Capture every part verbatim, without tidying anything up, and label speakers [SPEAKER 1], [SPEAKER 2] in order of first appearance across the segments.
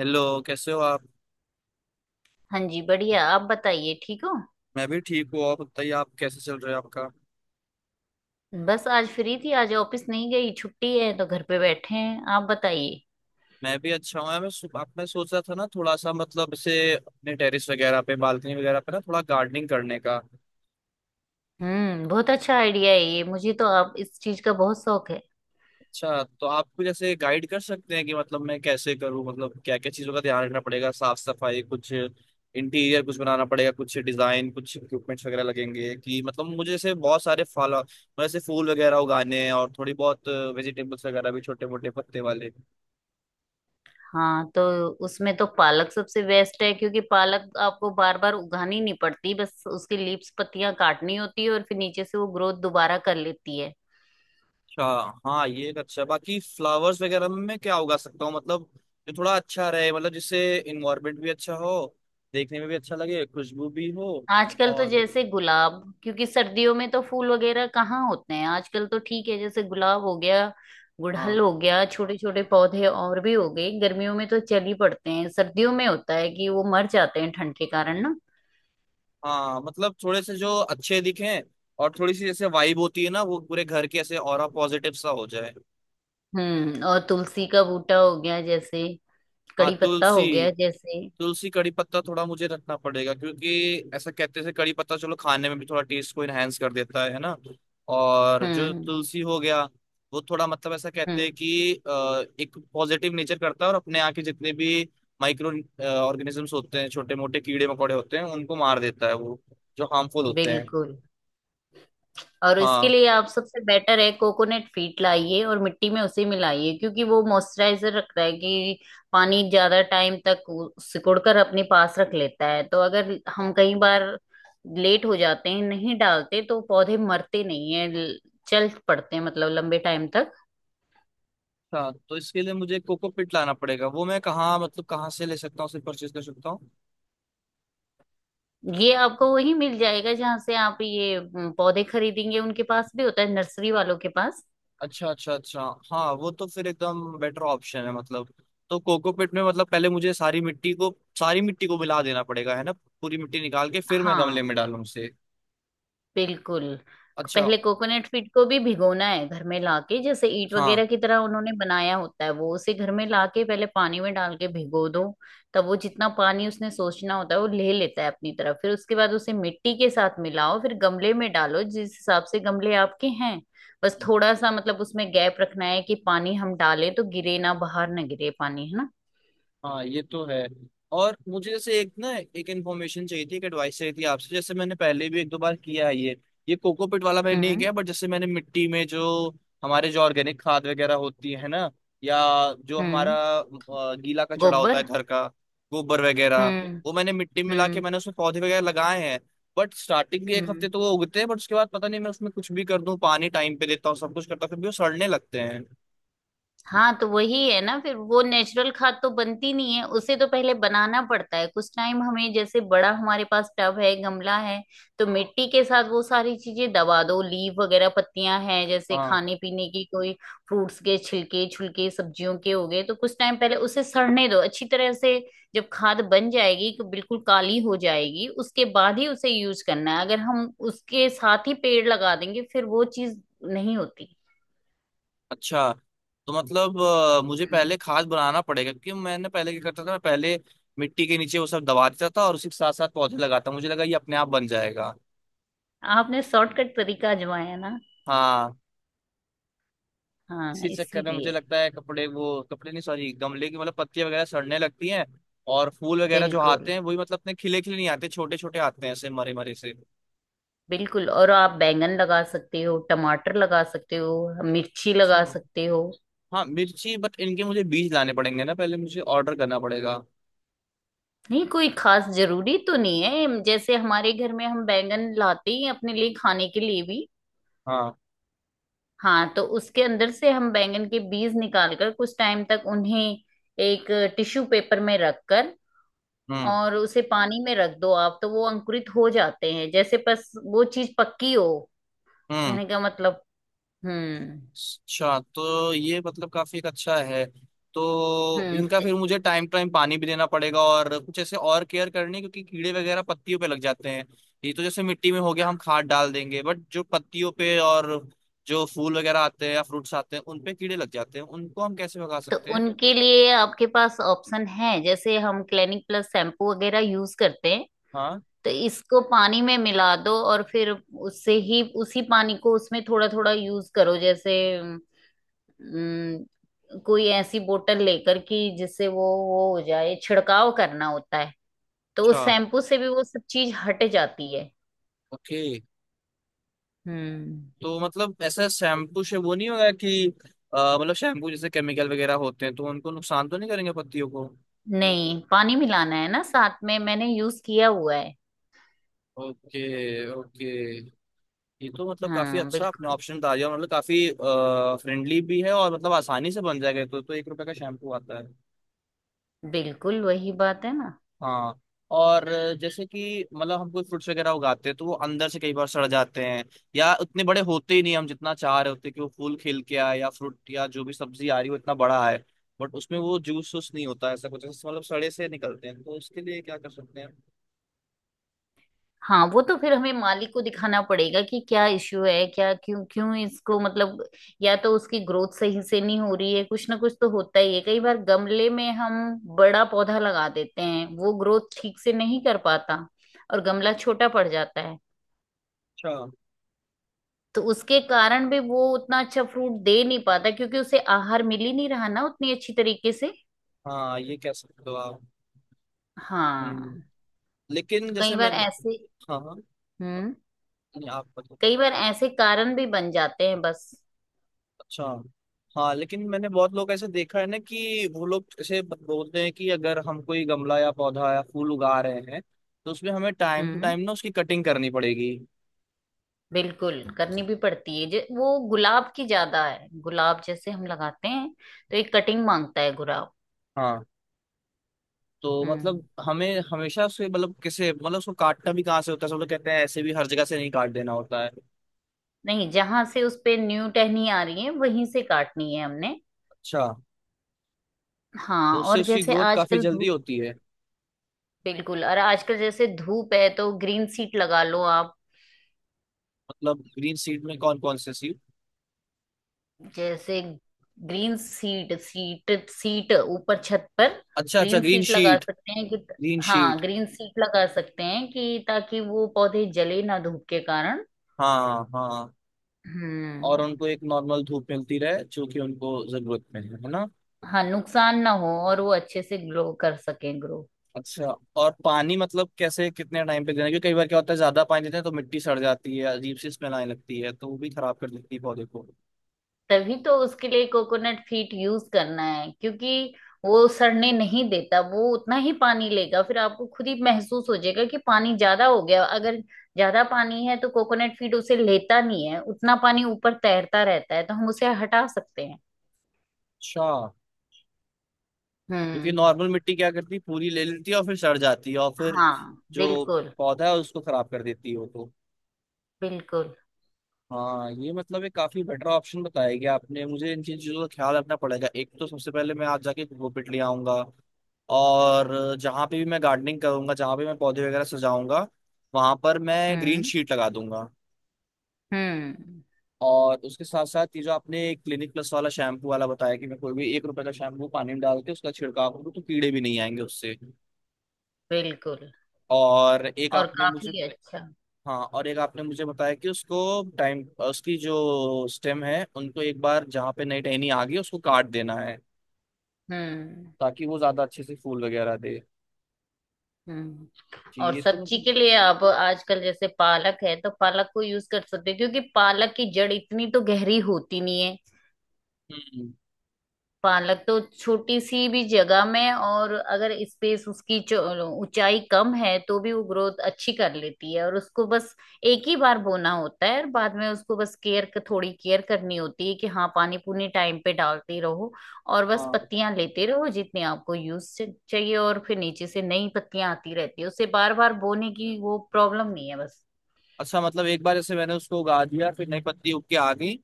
[SPEAKER 1] Hello. कैसे हो आप।
[SPEAKER 2] हाँ जी बढ़िया। आप बताइए ठीक हो।
[SPEAKER 1] मैं भी ठीक हूँ। और बताइए आप कैसे चल रहे हो आपका।
[SPEAKER 2] बस आज फ्री थी, आज ऑफिस नहीं गई, छुट्टी है तो घर पे बैठे हैं। आप बताइए।
[SPEAKER 1] मैं भी अच्छा हूँ। मैं सु- आप, मैं सोच रहा था ना थोड़ा सा मतलब इसे अपने टेरेस वगैरह पे बालकनी वगैरह पे ना थोड़ा गार्डनिंग करने का।
[SPEAKER 2] हम्म, बहुत अच्छा आइडिया है ये। मुझे तो आप इस चीज का बहुत शौक है।
[SPEAKER 1] अच्छा तो आप कुछ ऐसे गाइड कर सकते हैं कि मतलब मैं कैसे करूँ, मतलब क्या क्या चीज़ों का ध्यान रखना पड़ेगा। साफ सफाई कुछ इंटीरियर कुछ बनाना पड़ेगा, कुछ डिजाइन, कुछ इक्विपमेंट्स वगैरह लगेंगे कि मतलब मुझे जैसे बहुत सारे फल मतलब ऐसे फूल वगैरह उगाने हैं और थोड़ी बहुत वेजिटेबल्स वगैरह भी छोटे मोटे पत्ते वाले।
[SPEAKER 2] हाँ तो उसमें तो पालक सबसे बेस्ट है, क्योंकि पालक आपको बार बार उगानी नहीं पड़ती, बस उसकी लीव्स पत्तियां काटनी होती है और फिर नीचे से वो ग्रोथ दोबारा कर लेती है।
[SPEAKER 1] अच्छा। हाँ ये एक अच्छा है। बाकी फ्लावर्स वगैरह में मैं क्या उगा सकता हूँ मतलब, जो थोड़ा अच्छा रहे, मतलब जिससे इन्वायरमेंट भी अच्छा हो, देखने में भी अच्छा लगे, खुशबू भी हो।
[SPEAKER 2] आजकल तो
[SPEAKER 1] और।
[SPEAKER 2] जैसे गुलाब, क्योंकि सर्दियों में तो फूल वगैरह कहाँ होते हैं। आजकल तो ठीक है, जैसे गुलाब हो गया,
[SPEAKER 1] हाँ।
[SPEAKER 2] गुड़हल हो गया, छोटे छोटे पौधे और भी हो गए। गर्मियों में तो चल ही पड़ते हैं, सर्दियों में होता है कि वो मर जाते हैं ठंड के कारण ना।
[SPEAKER 1] हाँ मतलब थोड़े से जो अच्छे दिखें और थोड़ी सी जैसे वाइब होती है ना, वो पूरे घर के ऐसे ऑरा पॉजिटिव सा हो जाए।
[SPEAKER 2] हम्म, और तुलसी का बूटा हो गया जैसे,
[SPEAKER 1] हाँ
[SPEAKER 2] कड़ी पत्ता
[SPEAKER 1] तुलसी।
[SPEAKER 2] हो गया जैसे।
[SPEAKER 1] तुलसी कड़ी पत्ता थोड़ा मुझे रखना पड़ेगा, क्योंकि ऐसा कहते हैं कड़ी पत्ता चलो खाने में भी थोड़ा टेस्ट को इनहेंस कर देता है है ना। और जो
[SPEAKER 2] हम्म।
[SPEAKER 1] तुलसी हो गया, वो थोड़ा मतलब ऐसा कहते हैं
[SPEAKER 2] हम्म।
[SPEAKER 1] कि अ, एक पॉजिटिव नेचर करता है और अपने यहाँ के जितने भी माइक्रो ऑर्गेनिजम्स होते हैं, छोटे मोटे कीड़े मकोड़े होते हैं, उनको मार देता है वो, जो हार्मफुल होते हैं।
[SPEAKER 2] बिल्कुल। और इसके
[SPEAKER 1] हाँ।
[SPEAKER 2] लिए आप सबसे बेटर है, कोकोनट फीट लाइए और मिट्टी में उसे मिलाइए, क्योंकि वो मॉइस्चराइजर रखता है कि पानी ज्यादा टाइम तक वो सिकुड़कर अपने पास रख लेता है। तो अगर हम कई बार लेट हो जाते हैं, नहीं डालते, तो पौधे मरते नहीं है, ल- चल पड़ते हैं, मतलब लंबे टाइम तक।
[SPEAKER 1] अच्छा तो इसके लिए मुझे कोकोपीट लाना पड़ेगा। वो मैं कहाँ मतलब कहाँ से ले सकता हूँ, उसे परचेज कर सकता हूँ।
[SPEAKER 2] ये आपको वही मिल जाएगा, जहां से आप ये म, पौधे खरीदेंगे, उनके पास भी होता है, नर्सरी वालों के पास।
[SPEAKER 1] अच्छा, अच्छा, अच्छा। हाँ वो तो फिर एकदम बेटर ऑप्शन है मतलब। तो कोकोपीट में मतलब पहले मुझे सारी मिट्टी को सारी मिट्टी को मिला देना पड़ेगा, है ना। पूरी मिट्टी निकाल के फिर मैं गमले
[SPEAKER 2] हाँ।
[SPEAKER 1] में डालूं उसे।
[SPEAKER 2] बिल्कुल।
[SPEAKER 1] अच्छा।
[SPEAKER 2] पहले कोकोनट फीड को भी भिगोना है, घर में लाके जैसे ईंट
[SPEAKER 1] हाँ
[SPEAKER 2] वगैरह की तरह उन्होंने बनाया होता है, वो उसे घर में लाके पहले पानी में डाल के भिगो दो। तब वो जितना पानी उसने सोचना होता है वो ले लेता है अपनी तरफ। फिर उसके बाद उसे मिट्टी के साथ मिलाओ, फिर गमले में डालो जिस हिसाब से गमले आपके हैं। बस थोड़ा सा मतलब उसमें गैप रखना है, कि पानी हम डालें तो गिरे ना, बाहर ना गिरे पानी, है ना।
[SPEAKER 1] हाँ ये तो है। और मुझे जैसे एक ना एक इन्फॉर्मेशन चाहिए थी, एक एडवाइस चाहिए थी आपसे। जैसे मैंने पहले भी एक दो बार किया है ये। ये कोकोपीट वाला मैंने नहीं
[SPEAKER 2] हम्म।
[SPEAKER 1] किया, बट जैसे मैंने मिट्टी में जो हमारे जो ऑर्गेनिक खाद वगैरह होती है ना, या जो हमारा
[SPEAKER 2] हम्म।
[SPEAKER 1] अ, गीला कचड़ा होता
[SPEAKER 2] गोबर।
[SPEAKER 1] है घर का, गोबर वगैरह,
[SPEAKER 2] हम्म।
[SPEAKER 1] वो मैंने मिट्टी में मिला के
[SPEAKER 2] हम्म।
[SPEAKER 1] मैंने उसमें पौधे वगैरह लगाए हैं। बट स्टार्टिंग के एक हफ्ते
[SPEAKER 2] हम्म।
[SPEAKER 1] तो वो उगते हैं, बट उसके बाद पता नहीं मैं उसमें कुछ भी कर दूं, पानी टाइम पे देता हूँ, सब कुछ करता हूँ, फिर भी वो सड़ने लगते हैं।
[SPEAKER 2] हाँ तो वही है ना, फिर वो नेचुरल खाद तो बनती नहीं है, उसे तो पहले बनाना पड़ता है, कुछ टाइम हमें जैसे बड़ा हमारे पास टब है, गमला है, तो मिट्टी के साथ वो सारी चीजें दबा दो। लीव वगैरह पत्तियां हैं जैसे,
[SPEAKER 1] हाँ।
[SPEAKER 2] खाने पीने की कोई फ्रूट्स के छिलके छुलके सब्जियों के हो गए, तो कुछ टाइम पहले उसे सड़ने दो अच्छी तरह से। जब खाद बन जाएगी तो बिल्कुल काली हो जाएगी, उसके बाद ही उसे यूज करना है। अगर हम उसके साथ ही पेड़ लगा देंगे, फिर वो चीज नहीं होती।
[SPEAKER 1] अच्छा तो मतलब अ, मुझे पहले खाद बनाना पड़ेगा। क्योंकि मैंने पहले क्या करता था, मैं पहले मिट्टी के नीचे वो सब दबा देता था और उसी के साथ साथ पौधे लगाता, मुझे लगा ये अपने आप बन जाएगा।
[SPEAKER 2] आपने शॉर्टकट तरीका आजमाया ना।
[SPEAKER 1] हाँ।
[SPEAKER 2] हाँ
[SPEAKER 1] इसी चक्कर में मुझे
[SPEAKER 2] इसीलिए।
[SPEAKER 1] लगता है कपड़े, वो कपड़े नहीं सॉरी, गमले की मतलब पत्तियां वगैरह सड़ने लगती हैं और फूल वगैरह जो
[SPEAKER 2] बिल्कुल।
[SPEAKER 1] आते हैं वही मतलब इतने खिले खिले नहीं आते, छोटे छोटे आते हैं ऐसे मरे मरे से।
[SPEAKER 2] बिल्कुल। और आप बैंगन लगा सकते हो, टमाटर लगा सकते हो, मिर्ची
[SPEAKER 1] अच्छा।
[SPEAKER 2] लगा सकते हो।
[SPEAKER 1] हाँ मिर्ची, बट इनके मुझे बीज लाने पड़ेंगे ना, पहले मुझे ऑर्डर करना पड़ेगा।
[SPEAKER 2] नहीं, कोई खास जरूरी तो नहीं है, जैसे हमारे घर में हम बैंगन लाते ही हैं अपने लिए खाने के लिए भी।
[SPEAKER 1] हाँ।
[SPEAKER 2] हाँ तो उसके अंदर से हम बैंगन के बीज निकाल कर कुछ टाइम तक उन्हें एक टिश्यू पेपर में रखकर
[SPEAKER 1] हम्म।
[SPEAKER 2] और उसे पानी में रख दो आप, तो वो अंकुरित हो जाते हैं जैसे, बस वो चीज पक्की हो।
[SPEAKER 1] हम्म।
[SPEAKER 2] कहने का मतलब। हम्म।
[SPEAKER 1] अच्छा तो ये मतलब काफी एक अच्छा है। तो
[SPEAKER 2] हम्म।
[SPEAKER 1] इनका
[SPEAKER 2] त-
[SPEAKER 1] फिर मुझे टाइम टाइम पानी भी देना पड़ेगा और कुछ ऐसे और केयर करनी है, क्योंकि कीड़े वगैरह पत्तियों पे लग जाते हैं। ये तो जैसे मिट्टी में हो गया हम खाद डाल देंगे, बट जो पत्तियों पे और जो फूल वगैरह आते हैं या फ्रूट्स आते हैं उन पे कीड़े लग जाते हैं, उनको हम कैसे भगा
[SPEAKER 2] तो
[SPEAKER 1] सकते हैं।
[SPEAKER 2] उनके लिए आपके पास ऑप्शन है, जैसे हम क्लिनिक प्लस शैम्पू वगैरह यूज करते हैं,
[SPEAKER 1] हाँ।
[SPEAKER 2] तो इसको पानी में मिला दो और फिर उससे ही, उसी पानी को उसमें थोड़ा थोड़ा यूज करो, जैसे अम, कोई ऐसी बोतल लेकर, कि जिससे वो वो हो जाए, छिड़काव करना होता है। तो
[SPEAKER 1] अच्छा।
[SPEAKER 2] उस शैम्पू से भी वो सब चीज हट जाती है।
[SPEAKER 1] ओके।
[SPEAKER 2] हम्म।
[SPEAKER 1] तो मतलब ऐसा शैम्पू से वो नहीं होगा कि अ, मतलब शैम्पू जैसे केमिकल वगैरह होते हैं, तो उनको नुकसान तो नहीं करेंगे पत्तियों को।
[SPEAKER 2] नहीं, पानी मिलाना है ना साथ में, मैंने यूज किया हुआ है।
[SPEAKER 1] ओके। ओके। ये तो मतलब काफी
[SPEAKER 2] हाँ
[SPEAKER 1] अच्छा आपने
[SPEAKER 2] बिल्कुल।
[SPEAKER 1] ऑप्शन डाल दिया, मतलब काफी फ्रेंडली भी है और मतलब आसानी से बन जाएगा ये तो। तो एक रुपए का शैम्पू आता है।
[SPEAKER 2] बिल्कुल वही बात है ना।
[SPEAKER 1] हाँ। और अ, जैसे कि मतलब हम कोई फ्रूट्स वगैरह उगाते हैं तो वो अंदर से कई बार सड़ जाते हैं या उतने बड़े होते ही नहीं हम जितना चाह रहे होते कि वो फूल खिल के आए या फ्रूट या जो भी सब्जी आ रही हो इतना बड़ा है, बट उसमें वो जूस वूस नहीं होता, ऐसा कुछ ऐसा मतलब सड़े से निकलते हैं, तो उसके लिए क्या कर सकते हैं।
[SPEAKER 2] हाँ वो तो फिर हमें मालिक को दिखाना पड़ेगा कि क्या इश्यू है, क्या, क्यों क्यों इसको मतलब। या तो उसकी ग्रोथ सही से नहीं हो रही है, कुछ ना कुछ तो होता ही है। कई बार गमले में हम बड़ा पौधा लगा देते हैं, वो ग्रोथ ठीक से नहीं कर पाता और गमला छोटा पड़ जाता है।
[SPEAKER 1] अच्छा।
[SPEAKER 2] तो उसके कारण भी वो उतना अच्छा फ्रूट दे नहीं पाता, क्योंकि उसे आहार मिल ही नहीं रहा ना उतनी अच्छी तरीके से।
[SPEAKER 1] हाँ ये कह सकते हो आप। हम्म,
[SPEAKER 2] हाँ।
[SPEAKER 1] लेकिन
[SPEAKER 2] तो कई
[SPEAKER 1] जैसे
[SPEAKER 2] बार
[SPEAKER 1] मैंने।
[SPEAKER 2] ऐसे।
[SPEAKER 1] हाँ हाँ।
[SPEAKER 2] हम्म।
[SPEAKER 1] नहीं, आप बताओ।
[SPEAKER 2] कई बार ऐसे कारण भी बन जाते हैं बस।
[SPEAKER 1] अच्छा। हाँ लेकिन मैंने बहुत लोग ऐसे देखा है ना, कि वो लोग ऐसे बोलते हैं कि अगर हम कोई गमला या पौधा या फूल उगा रहे हैं तो उसमें हमें टाइम टू
[SPEAKER 2] हम्म।
[SPEAKER 1] टाइम ना उसकी कटिंग करनी पड़ेगी।
[SPEAKER 2] बिल्कुल करनी भी पड़ती है, जे वो गुलाब की ज्यादा है, गुलाब जैसे हम लगाते हैं तो एक कटिंग मांगता है गुलाब।
[SPEAKER 1] हाँ। तो
[SPEAKER 2] हम्म।
[SPEAKER 1] मतलब हमें हमेशा उसके मतलब किसे मतलब उसको काटना भी कहाँ से होता है, सब लोग कहते हैं ऐसे भी हर जगह से नहीं काट देना होता है।
[SPEAKER 2] नहीं, जहां से उस पे न्यू टहनी आ रही है वहीं से काटनी है हमने।
[SPEAKER 1] अच्छा। तो
[SPEAKER 2] हाँ।
[SPEAKER 1] उससे
[SPEAKER 2] और
[SPEAKER 1] उसकी
[SPEAKER 2] जैसे
[SPEAKER 1] ग्रोथ काफी
[SPEAKER 2] आजकल
[SPEAKER 1] जल्दी
[SPEAKER 2] धूप।
[SPEAKER 1] होती है।
[SPEAKER 2] बिल्कुल। और आजकल जैसे धूप है, तो ग्रीन सीट लगा लो आप।
[SPEAKER 1] मतलब ग्रीन सीड में कौन कौन से सीड।
[SPEAKER 2] जैसे ग्रीन सीट सीट सीट, ऊपर छत पर।
[SPEAKER 1] अच्छा अच्छा
[SPEAKER 2] ग्रीन
[SPEAKER 1] ग्रीन
[SPEAKER 2] सीट लगा
[SPEAKER 1] शीट।
[SPEAKER 2] सकते हैं कि।
[SPEAKER 1] ग्रीन
[SPEAKER 2] हाँ,
[SPEAKER 1] शीट।
[SPEAKER 2] ग्रीन सीट लगा सकते हैं कि, ताकि वो पौधे जले ना धूप के कारण।
[SPEAKER 1] हाँ हाँ। और
[SPEAKER 2] हम्म।
[SPEAKER 1] उनको एक नॉर्मल धूप मिलती रहे जो कि उनको जरूरत में है है ना।
[SPEAKER 2] हाँ, नुकसान ना हो और वो अच्छे से ग्लो कर सकें, ग्रो।
[SPEAKER 1] अच्छा। और पानी मतलब कैसे कितने टाइम पे देना है? क्योंकि कई बार क्या होता है, ज्यादा पानी देते हैं तो मिट्टी सड़ जाती है, अजीब सी स्मेल आने लगती है, तो वो भी खराब कर देती है पौधे को।
[SPEAKER 2] तभी तो उसके लिए कोकोनट फीट यूज करना है, क्योंकि वो सड़ने नहीं देता, वो उतना ही पानी लेगा। फिर आपको खुद ही महसूस हो जाएगा कि पानी ज्यादा हो गया। अगर ज्यादा पानी है तो कोकोनट फीट उसे लेता नहीं है, उतना पानी ऊपर तैरता रहता है तो हम उसे हटा सकते हैं।
[SPEAKER 1] अच्छा। क्योंकि
[SPEAKER 2] हम्म।
[SPEAKER 1] नॉर्मल मिट्टी क्या करती है, पूरी ले लेती है और फिर सड़ जाती है और फिर
[SPEAKER 2] हाँ
[SPEAKER 1] जो
[SPEAKER 2] बिल्कुल।
[SPEAKER 1] पौधा है उसको खराब कर देती है वो तो।
[SPEAKER 2] बिल्कुल।
[SPEAKER 1] हाँ ये मतलब एक काफी बेटर ऑप्शन बताया गया आपने, मुझे इन चीज चीजों का ख्याल रखना पड़ेगा। एक तो सबसे पहले मैं आज जाके वो पिट ले आऊंगा, और जहां पे भी मैं गार्डनिंग करूंगा, जहां पे मैं पौधे वगैरह सजाऊंगा, वहां पर मैं ग्रीन
[SPEAKER 2] हम्म।
[SPEAKER 1] शीट लगा दूंगा।
[SPEAKER 2] हम्म।
[SPEAKER 1] और उसके साथ साथ ये जो आपने क्लिनिक प्लस वाला शैम्पू वाला बताया कि मैं कोई भी एक रुपए का शैम्पू पानी में डाल के उसका छिड़काव करूँ तो कीड़े भी नहीं आएंगे उससे।
[SPEAKER 2] बिल्कुल।
[SPEAKER 1] और एक
[SPEAKER 2] और
[SPEAKER 1] आपने मुझे।
[SPEAKER 2] काफी अच्छा।
[SPEAKER 1] हाँ और एक आपने मुझे बताया कि उसको टाइम, उसकी जो स्टेम है उनको एक बार जहाँ पे नई टहनी आ गई उसको काट देना है,
[SPEAKER 2] हम्म।
[SPEAKER 1] ताकि वो ज्यादा अच्छे से फूल वगैरह दे।
[SPEAKER 2] हम्म।
[SPEAKER 1] जी
[SPEAKER 2] और
[SPEAKER 1] ये तो
[SPEAKER 2] सब्जी
[SPEAKER 1] मतलब।
[SPEAKER 2] के लिए आप आजकल जैसे पालक है, तो पालक को यूज कर सकते हो, क्योंकि पालक की जड़ इतनी तो गहरी होती नहीं है।
[SPEAKER 1] हम्म।
[SPEAKER 2] पालक तो छोटी सी भी जगह में, और अगर स्पेस उसकी चो- ऊंचाई कम है तो भी वो ग्रोथ अच्छी कर लेती है। और उसको बस एक ही बार बोना होता है, और बाद में उसको बस केयर, थोड़ी केयर करनी होती है कि हाँ पानी पूनी टाइम पे डालते रहो और बस
[SPEAKER 1] हाँ।
[SPEAKER 2] पत्तियां लेते रहो जितनी आपको यूज चाहिए, और फिर नीचे से नई पत्तियां आती रहती है, उसे बार बार बोने की वो प्रॉब्लम नहीं है बस।
[SPEAKER 1] अच्छा मतलब एक बार ऐसे मैंने उसको उगा दिया, फिर नई पत्ती उग के आ गई,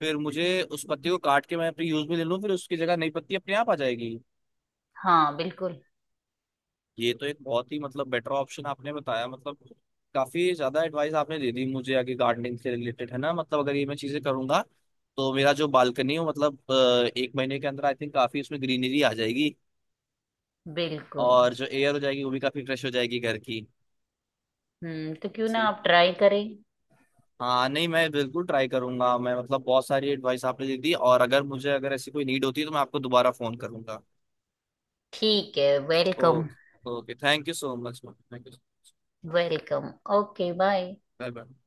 [SPEAKER 1] फिर मुझे उस पत्ती को काट के मैं अपने यूज में ले लूँ, फिर उसकी जगह नई पत्ती अपने आप आ जाएगी।
[SPEAKER 2] हाँ बिल्कुल।
[SPEAKER 1] ये तो एक बहुत ही मतलब बेटर ऑप्शन आपने बताया मतलब। काफी ज्यादा एडवाइस आपने दे दी मुझे आगे गार्डनिंग से रिलेटेड, है ना। मतलब अगर ये मैं चीजें करूंगा तो मेरा जो बालकनी हो मतलब अ, एक महीने के अंदर आई थिंक काफी उसमें ग्रीनरी आ जाएगी।
[SPEAKER 2] बिल्कुल।
[SPEAKER 1] और जो एयर हो जाएगी वो भी काफी फ्रेश हो जाएगी घर की।
[SPEAKER 2] हम्म। तो क्यों ना
[SPEAKER 1] जी।
[SPEAKER 2] आप ट्राई करें।
[SPEAKER 1] हाँ नहीं मैं बिल्कुल ट्राई करूंगा मैं, मतलब बहुत सारी एडवाइस आपने दे दी और अगर मुझे अगर ऐसी कोई नीड होती है तो मैं आपको दोबारा फोन करूंगा।
[SPEAKER 2] ठीक है, welcome.
[SPEAKER 1] Okay. Okay thank you so much, thank you.
[SPEAKER 2] Welcome, okay bye.
[SPEAKER 1] Bye bye.